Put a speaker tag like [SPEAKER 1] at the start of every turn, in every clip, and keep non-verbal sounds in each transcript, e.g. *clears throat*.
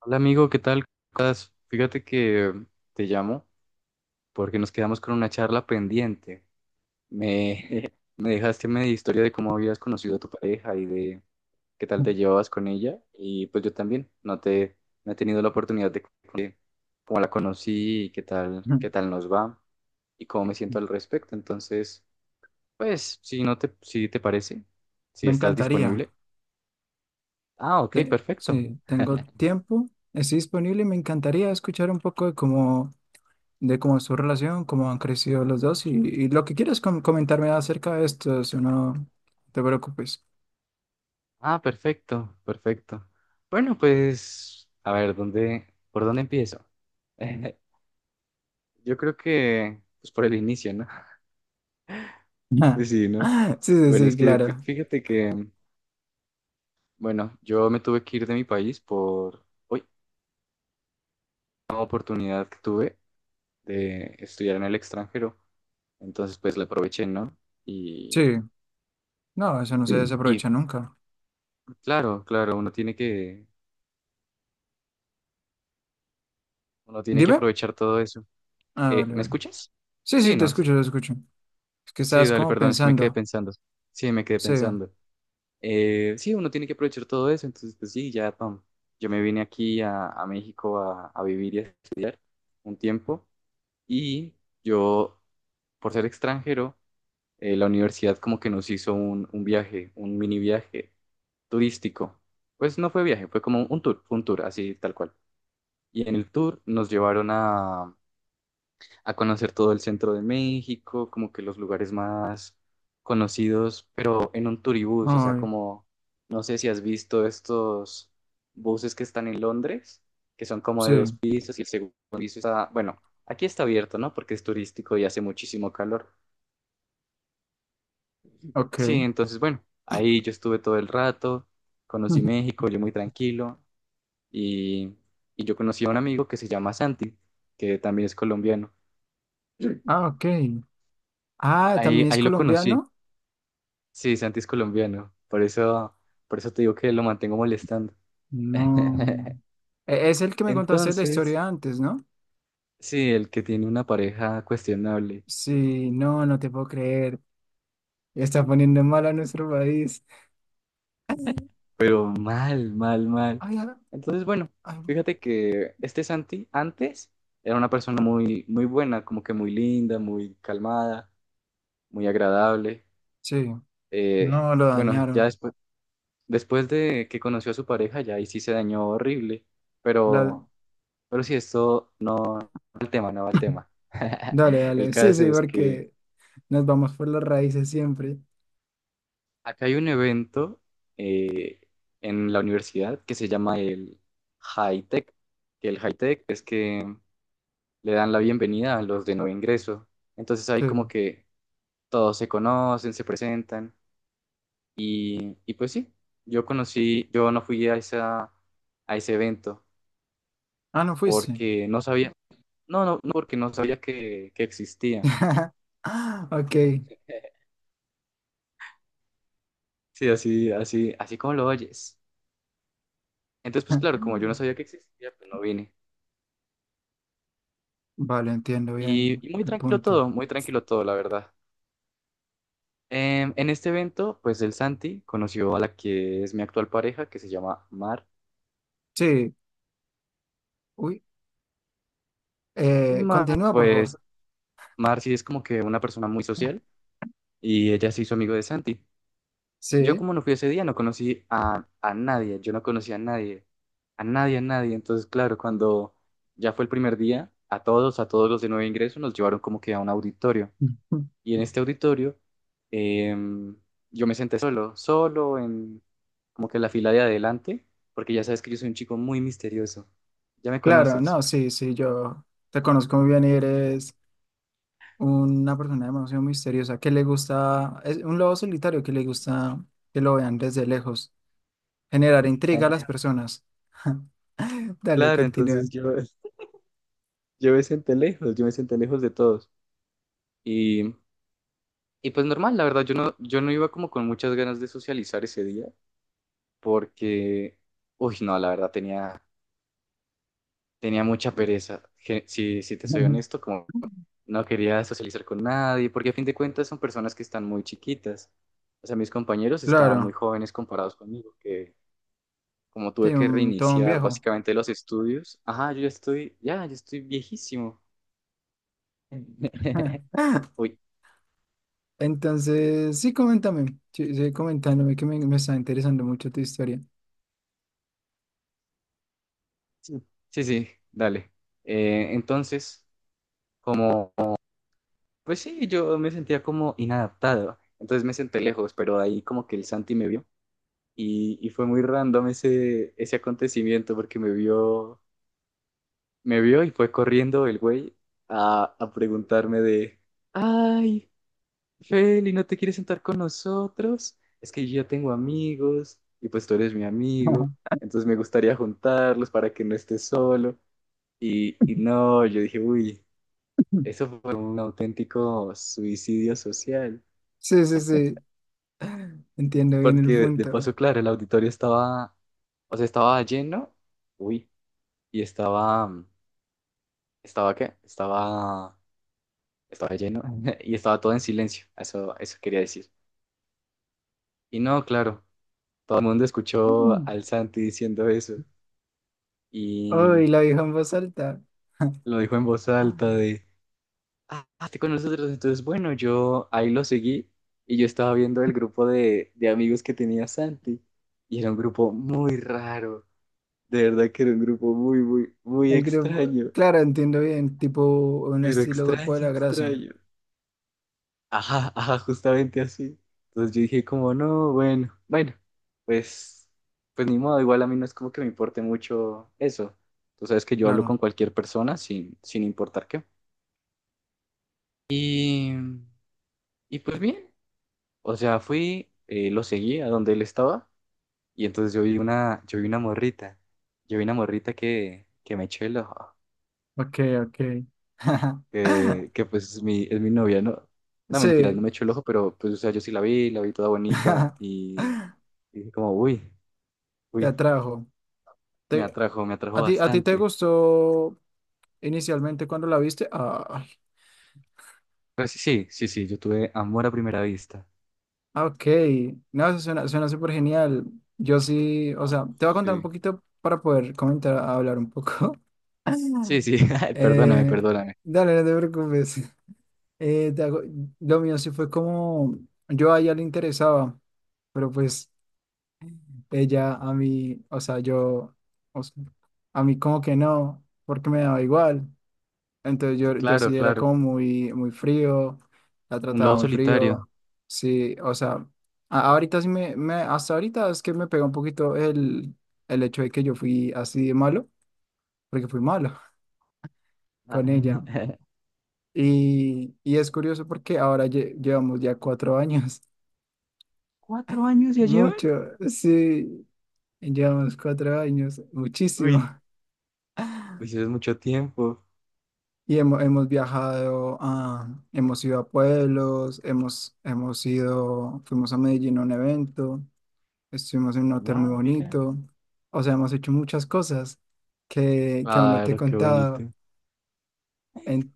[SPEAKER 1] Hola amigo, ¿qué tal? ¿Cómo estás? Fíjate que te llamo porque nos quedamos con una charla pendiente. Me, *laughs* me dejaste media historia de cómo habías conocido a tu pareja y de qué tal
[SPEAKER 2] Ujú.
[SPEAKER 1] te llevabas con ella. Y pues yo también no he tenido la oportunidad de cómo la conocí y qué tal nos va y cómo me siento al respecto. Entonces, pues, si te parece, si
[SPEAKER 2] Me
[SPEAKER 1] estás
[SPEAKER 2] encantaría.
[SPEAKER 1] disponible. Ah, ok, perfecto.
[SPEAKER 2] Sí, tengo tiempo, estoy disponible y me encantaría escuchar un poco de cómo es su relación, cómo han crecido los dos y lo que quieras comentarme acerca de esto, si no te preocupes.
[SPEAKER 1] Ah, perfecto, perfecto. Bueno, pues, a ver, ¿por dónde empiezo? *laughs* Yo creo que, pues por el inicio, ¿no? *laughs* Pues
[SPEAKER 2] *laughs*
[SPEAKER 1] sí, ¿no?
[SPEAKER 2] Sí, sí,
[SPEAKER 1] Bueno, es
[SPEAKER 2] sí,
[SPEAKER 1] que
[SPEAKER 2] claro.
[SPEAKER 1] fíjate que, bueno, yo me tuve que ir de mi país por, uy, una oportunidad que tuve de estudiar en el extranjero. Entonces, pues la aproveché, ¿no? Y
[SPEAKER 2] Sí, no, eso no se
[SPEAKER 1] *clears throat* y
[SPEAKER 2] desaprovecha nunca.
[SPEAKER 1] claro, claro, uno tiene que
[SPEAKER 2] Dime.
[SPEAKER 1] aprovechar todo eso.
[SPEAKER 2] Ah, vale,
[SPEAKER 1] ¿Me
[SPEAKER 2] vale.
[SPEAKER 1] escuchas?
[SPEAKER 2] Sí,
[SPEAKER 1] Sí,
[SPEAKER 2] sí,
[SPEAKER 1] ¿no? Sí.
[SPEAKER 2] te escucho. Es que
[SPEAKER 1] Sí,
[SPEAKER 2] estabas
[SPEAKER 1] dale,
[SPEAKER 2] como
[SPEAKER 1] perdón, es que me quedé
[SPEAKER 2] pensando.
[SPEAKER 1] pensando. Sí, me quedé
[SPEAKER 2] Sí,
[SPEAKER 1] pensando. Sí, uno tiene que aprovechar todo eso, entonces, pues sí, ya, pam. Yo me vine aquí a México a vivir y a estudiar un tiempo y yo, por ser extranjero, la universidad como que nos hizo un viaje, un mini viaje turístico. Pues no fue viaje, fue como un tour, fue un tour, así tal cual. Y en el tour nos llevaron a conocer todo el centro de México, como que los lugares más conocidos, pero en un turibús, o sea,
[SPEAKER 2] ay,
[SPEAKER 1] como, no sé si has visto estos buses que están en Londres, que son como
[SPEAKER 2] sí,
[SPEAKER 1] de dos pisos y el segundo piso está, bueno, aquí está abierto, ¿no? Porque es turístico y hace muchísimo calor.
[SPEAKER 2] ok.
[SPEAKER 1] Sí, entonces, bueno, ahí yo estuve todo el rato, conocí
[SPEAKER 2] *laughs*
[SPEAKER 1] México, yo muy tranquilo y, y yo conocí a un amigo que se llama Santi, que también es colombiano.
[SPEAKER 2] Ah, ok. Ah,
[SPEAKER 1] Ahí,
[SPEAKER 2] también es
[SPEAKER 1] ahí lo conocí.
[SPEAKER 2] colombiano.
[SPEAKER 1] Sí, Santi es colombiano, por eso te digo que lo mantengo molestando.
[SPEAKER 2] No.
[SPEAKER 1] *laughs*
[SPEAKER 2] Es el que me contaste la
[SPEAKER 1] Entonces,
[SPEAKER 2] historia antes, ¿no?
[SPEAKER 1] sí, el que tiene una pareja cuestionable,
[SPEAKER 2] Sí, no, no te puedo creer. Está poniendo mal a nuestro país.
[SPEAKER 1] pero mal, mal, mal.
[SPEAKER 2] Ay, ay,
[SPEAKER 1] Entonces, bueno,
[SPEAKER 2] ay.
[SPEAKER 1] fíjate que este Santi antes era una persona muy, muy buena, como que muy linda, muy calmada, muy agradable.
[SPEAKER 2] Sí, no, lo
[SPEAKER 1] Bueno, ya
[SPEAKER 2] dañaron.
[SPEAKER 1] después, después de que conoció a su pareja, ya ahí sí se dañó horrible,
[SPEAKER 2] La-
[SPEAKER 1] pero si esto no va al tema, no va al tema. *laughs*
[SPEAKER 2] Dale,
[SPEAKER 1] El
[SPEAKER 2] dale. Sí,
[SPEAKER 1] caso
[SPEAKER 2] sí,
[SPEAKER 1] es que
[SPEAKER 2] porque nos vamos por las raíces siempre.
[SPEAKER 1] acá hay un evento eh, en la universidad que se llama el High Tech. Que el High Tech es que le dan la bienvenida a los de nuevo ingreso. Entonces ahí como
[SPEAKER 2] Sí.
[SPEAKER 1] que todos se conocen, se presentan y pues sí, yo no fui a a ese evento
[SPEAKER 2] Ah, no fuiste.
[SPEAKER 1] porque no sabía, no porque no sabía que existía.
[SPEAKER 2] *laughs* Ah, ok.
[SPEAKER 1] Sí, así, así, así como lo oyes. Entonces, pues claro,
[SPEAKER 2] *laughs*
[SPEAKER 1] como yo no sabía que existía, pues no vine.
[SPEAKER 2] Vale, entiendo bien
[SPEAKER 1] Y
[SPEAKER 2] el punto.
[SPEAKER 1] muy tranquilo todo, la verdad. En este evento, pues el Santi conoció a la que es mi actual pareja, que se llama Mar.
[SPEAKER 2] Sí. Uy.
[SPEAKER 1] Y Mar,
[SPEAKER 2] Continúa, por favor.
[SPEAKER 1] Mar sí es como que una persona muy social y ella se hizo amigo de Santi. Yo
[SPEAKER 2] Sí.
[SPEAKER 1] como no fui ese día, no conocí a nadie, yo no conocí a nadie, a nadie, a nadie. Entonces, claro, cuando ya fue el primer día, a todos los de nuevo ingreso, nos llevaron como que a un auditorio. Y en
[SPEAKER 2] *laughs*
[SPEAKER 1] este auditorio em, yo me senté solo, solo en como que la fila de adelante, porque ya sabes que yo soy un chico muy misterioso. Ya me
[SPEAKER 2] Claro,
[SPEAKER 1] conoces.
[SPEAKER 2] no, sí, sí, yo te conozco muy bien y eres una persona demasiado misteriosa que le gusta, es un lobo solitario que le gusta que lo vean desde lejos, generar intriga a
[SPEAKER 1] *laughs*
[SPEAKER 2] las personas. *laughs* Dale,
[SPEAKER 1] Claro,
[SPEAKER 2] continúa.
[SPEAKER 1] entonces yo me senté lejos, yo me senté lejos de todos. Y, y pues normal, la verdad, yo no, yo no iba como con muchas ganas de socializar ese día, porque, uy, no, la verdad, tenía, tenía mucha pereza. Si, si te soy
[SPEAKER 2] Ujú.
[SPEAKER 1] honesto, como no quería socializar con nadie, porque a fin de cuentas son personas que están muy chiquitas. O sea, mis compañeros están muy
[SPEAKER 2] Claro,
[SPEAKER 1] jóvenes comparados conmigo, que como tuve
[SPEAKER 2] sí,
[SPEAKER 1] que
[SPEAKER 2] todo un
[SPEAKER 1] reiniciar
[SPEAKER 2] viejo.
[SPEAKER 1] básicamente los estudios, ajá, yo ya estoy, ya, yo estoy viejísimo. *laughs*
[SPEAKER 2] *laughs*
[SPEAKER 1] Uy,
[SPEAKER 2] Entonces, sí, coméntame, sí, sí, coméntame que me está interesando mucho tu historia.
[SPEAKER 1] sí, sí, sí, dale. Entonces, como, pues sí, yo me sentía como inadaptado. Entonces me senté lejos, pero ahí como que el Santi me vio y fue muy random ese, ese acontecimiento porque me vio y fue corriendo el güey a preguntarme de, ay, Feli, ¿no te quieres sentar con nosotros? Es que yo ya tengo amigos y pues tú eres mi amigo,
[SPEAKER 2] *laughs*
[SPEAKER 1] entonces me gustaría juntarlos para que no estés solo. Y no, yo dije, uy, eso fue un auténtico suicidio social,
[SPEAKER 2] Sí, sí, sí, entiendo bien
[SPEAKER 1] porque
[SPEAKER 2] el
[SPEAKER 1] de
[SPEAKER 2] punto.
[SPEAKER 1] paso, claro, el auditorio estaba, o sea, estaba lleno, uy, y estaba, ¿estaba qué? Estaba lleno *laughs* y estaba todo en silencio, eso quería decir. Y no, claro, todo el mundo escuchó al Santi diciendo eso y
[SPEAKER 2] Uy, la vieja en voz alta. *laughs*
[SPEAKER 1] lo dijo en voz
[SPEAKER 2] Ah.
[SPEAKER 1] alta de, ah, estoy con nosotros, entonces bueno, yo ahí lo seguí y yo estaba viendo el grupo de amigos que tenía Santi y era un grupo muy raro, de verdad que era un grupo muy, muy, muy
[SPEAKER 2] El grupo,
[SPEAKER 1] extraño,
[SPEAKER 2] claro, entiendo bien, tipo un
[SPEAKER 1] pero
[SPEAKER 2] estilo grupo de
[SPEAKER 1] extraño,
[SPEAKER 2] la grasa,
[SPEAKER 1] extraño. Ajá, ajá, justamente así. Entonces yo dije como, no, bueno, bueno, pues, pues ni modo, igual a mí no es como que me importe mucho eso. Tú sabes que yo hablo con
[SPEAKER 2] claro.
[SPEAKER 1] cualquier persona sin, sin importar qué. Y, y pues bien, o sea, fui, lo seguí a donde él estaba y entonces yo vi una morrita, yo vi una morrita que me echó el ojo.
[SPEAKER 2] Ok, ok. *laughs*
[SPEAKER 1] Que pues es mi novia, ¿no? No, mentiras, no
[SPEAKER 2] Sí,
[SPEAKER 1] me echó el ojo, pero pues, o sea, yo sí la vi toda bonita
[SPEAKER 2] *laughs*
[SPEAKER 1] y dije como, uy,
[SPEAKER 2] te
[SPEAKER 1] uy,
[SPEAKER 2] atrajo. Te-
[SPEAKER 1] me atrajo
[SPEAKER 2] ¿A ti te
[SPEAKER 1] bastante.
[SPEAKER 2] gustó inicialmente cuando la viste? Ah,
[SPEAKER 1] Pero sí, sí, sí, sí, yo tuve amor a primera vista.
[SPEAKER 2] ah, ok, no, eso suena, suena súper genial. Yo sí, o
[SPEAKER 1] Oh,
[SPEAKER 2] sea, te voy a contar un
[SPEAKER 1] sí,
[SPEAKER 2] poquito para poder comentar, hablar un poco.
[SPEAKER 1] sí,
[SPEAKER 2] *laughs*
[SPEAKER 1] sí, *laughs* ay, perdóname,
[SPEAKER 2] Eh,
[SPEAKER 1] perdóname.
[SPEAKER 2] dale, no te preocupes. Eh, de algo- lo mío sí fue como yo a ella le interesaba, pero pues ella a mí, o sea, a mí como que no, porque me daba igual. Entonces
[SPEAKER 1] Sí,
[SPEAKER 2] yo
[SPEAKER 1] claro,
[SPEAKER 2] sí era
[SPEAKER 1] claro,
[SPEAKER 2] como muy frío, la
[SPEAKER 1] un
[SPEAKER 2] trataba
[SPEAKER 1] lobo
[SPEAKER 2] muy
[SPEAKER 1] solitario.
[SPEAKER 2] frío, sí, o sea, ahorita sí hasta ahorita es que me pegó un poquito el hecho de que yo fui así de malo, porque fui malo *laughs*
[SPEAKER 1] Ah,
[SPEAKER 2] con ella.
[SPEAKER 1] *laughs*
[SPEAKER 2] Y es curioso porque ahora llevamos ya 4 años.
[SPEAKER 1] ¿Cuatro años ya lleva?
[SPEAKER 2] Mucho, sí, llevamos 4 años, muchísimo.
[SPEAKER 1] Uy,
[SPEAKER 2] *laughs*
[SPEAKER 1] pues eso es mucho tiempo.
[SPEAKER 2] Y hemos viajado, a, hemos ido a pueblos, fuimos a Medellín a un evento, estuvimos en un hotel muy
[SPEAKER 1] Ah, mira.
[SPEAKER 2] bonito. O sea, hemos hecho muchas cosas que aún no te he
[SPEAKER 1] Claro, qué
[SPEAKER 2] contado.
[SPEAKER 1] bonito.
[SPEAKER 2] En-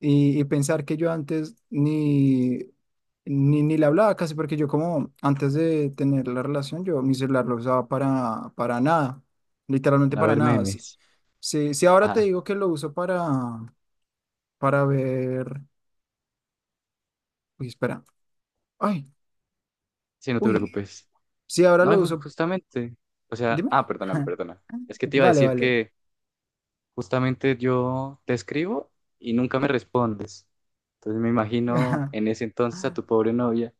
[SPEAKER 2] y pensar que yo antes ni le hablaba casi, porque yo como antes de tener la relación, yo mi celular lo usaba para nada. Literalmente
[SPEAKER 1] A
[SPEAKER 2] para
[SPEAKER 1] ver,
[SPEAKER 2] nada.
[SPEAKER 1] memes.
[SPEAKER 2] Sí, sí, ahora te
[SPEAKER 1] Ah,
[SPEAKER 2] digo que lo uso para ver. Uy, espera. Ay,
[SPEAKER 1] sí, no te
[SPEAKER 2] uy.
[SPEAKER 1] preocupes.
[SPEAKER 2] Sí, ahora
[SPEAKER 1] No, y
[SPEAKER 2] lo uso.
[SPEAKER 1] justamente, o sea,
[SPEAKER 2] Dime.
[SPEAKER 1] ah, perdóname,
[SPEAKER 2] *laughs*
[SPEAKER 1] perdona. Es que te iba a
[SPEAKER 2] Vale,
[SPEAKER 1] decir
[SPEAKER 2] vale.
[SPEAKER 1] que justamente yo te escribo y nunca me respondes. Entonces me imagino en
[SPEAKER 2] *laughs*
[SPEAKER 1] ese entonces a tu pobre novia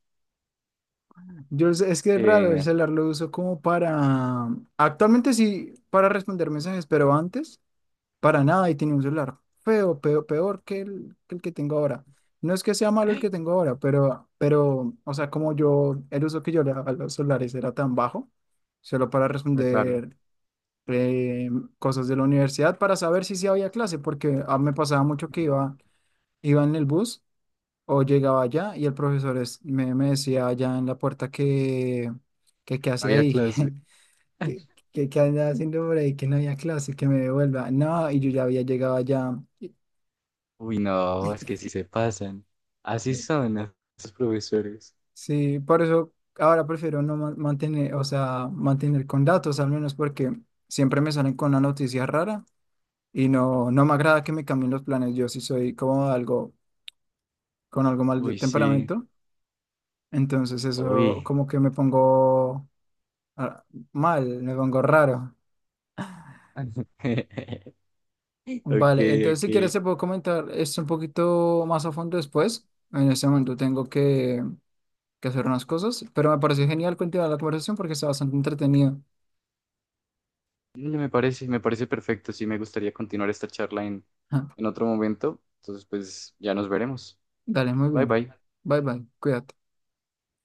[SPEAKER 2] Es que es raro el
[SPEAKER 1] que, *gasps*
[SPEAKER 2] celular, lo uso como para. Actualmente sí, para responder mensajes, pero antes, para nada, y tenía un celular feo, peor que el que el que tengo ahora. No es que sea malo el que
[SPEAKER 1] *laughs*
[SPEAKER 2] tengo ahora, o sea, como yo, el uso que yo le daba a los celulares era tan bajo, solo para
[SPEAKER 1] ah, claro,
[SPEAKER 2] responder eh, cosas de la universidad para saber si sí había clase, porque a mí me pasaba mucho que iba en el bus o llegaba allá y el profesor me decía allá en la puerta qué hacía
[SPEAKER 1] había
[SPEAKER 2] ahí,
[SPEAKER 1] clase.
[SPEAKER 2] *laughs*
[SPEAKER 1] *laughs* Uy,
[SPEAKER 2] que andaba haciendo por ahí, que no había clase, que me devuelva. No, y yo ya había llegado allá. Y-
[SPEAKER 1] uy, no, es que sí se pasan. Así son esos profesores.
[SPEAKER 2] Sí, por eso ahora prefiero no mantener, o sea, mantener con datos al menos porque siempre me salen con una noticia rara. Y no, no me agrada que me cambien los planes. Yo sí soy como algo con algo mal de
[SPEAKER 1] Uy, sí,
[SPEAKER 2] temperamento. Entonces eso
[SPEAKER 1] uy.
[SPEAKER 2] como que me pongo ah, mal, me pongo raro.
[SPEAKER 1] *laughs* Ok,
[SPEAKER 2] Vale, entonces si
[SPEAKER 1] ok.
[SPEAKER 2] quieres se puedo comentar esto un poquito más a fondo después. En este momento tengo que hacer unas cosas, pero me pareció genial continuar la conversación porque está bastante entretenido.
[SPEAKER 1] Dale, me parece, me parece perfecto. Sí, me gustaría continuar esta charla
[SPEAKER 2] *laughs* Ajá.
[SPEAKER 1] en otro momento. Entonces, pues ya nos veremos.
[SPEAKER 2] Dale, muy
[SPEAKER 1] Bye
[SPEAKER 2] bien.
[SPEAKER 1] bye.
[SPEAKER 2] Bye bye, cuídate.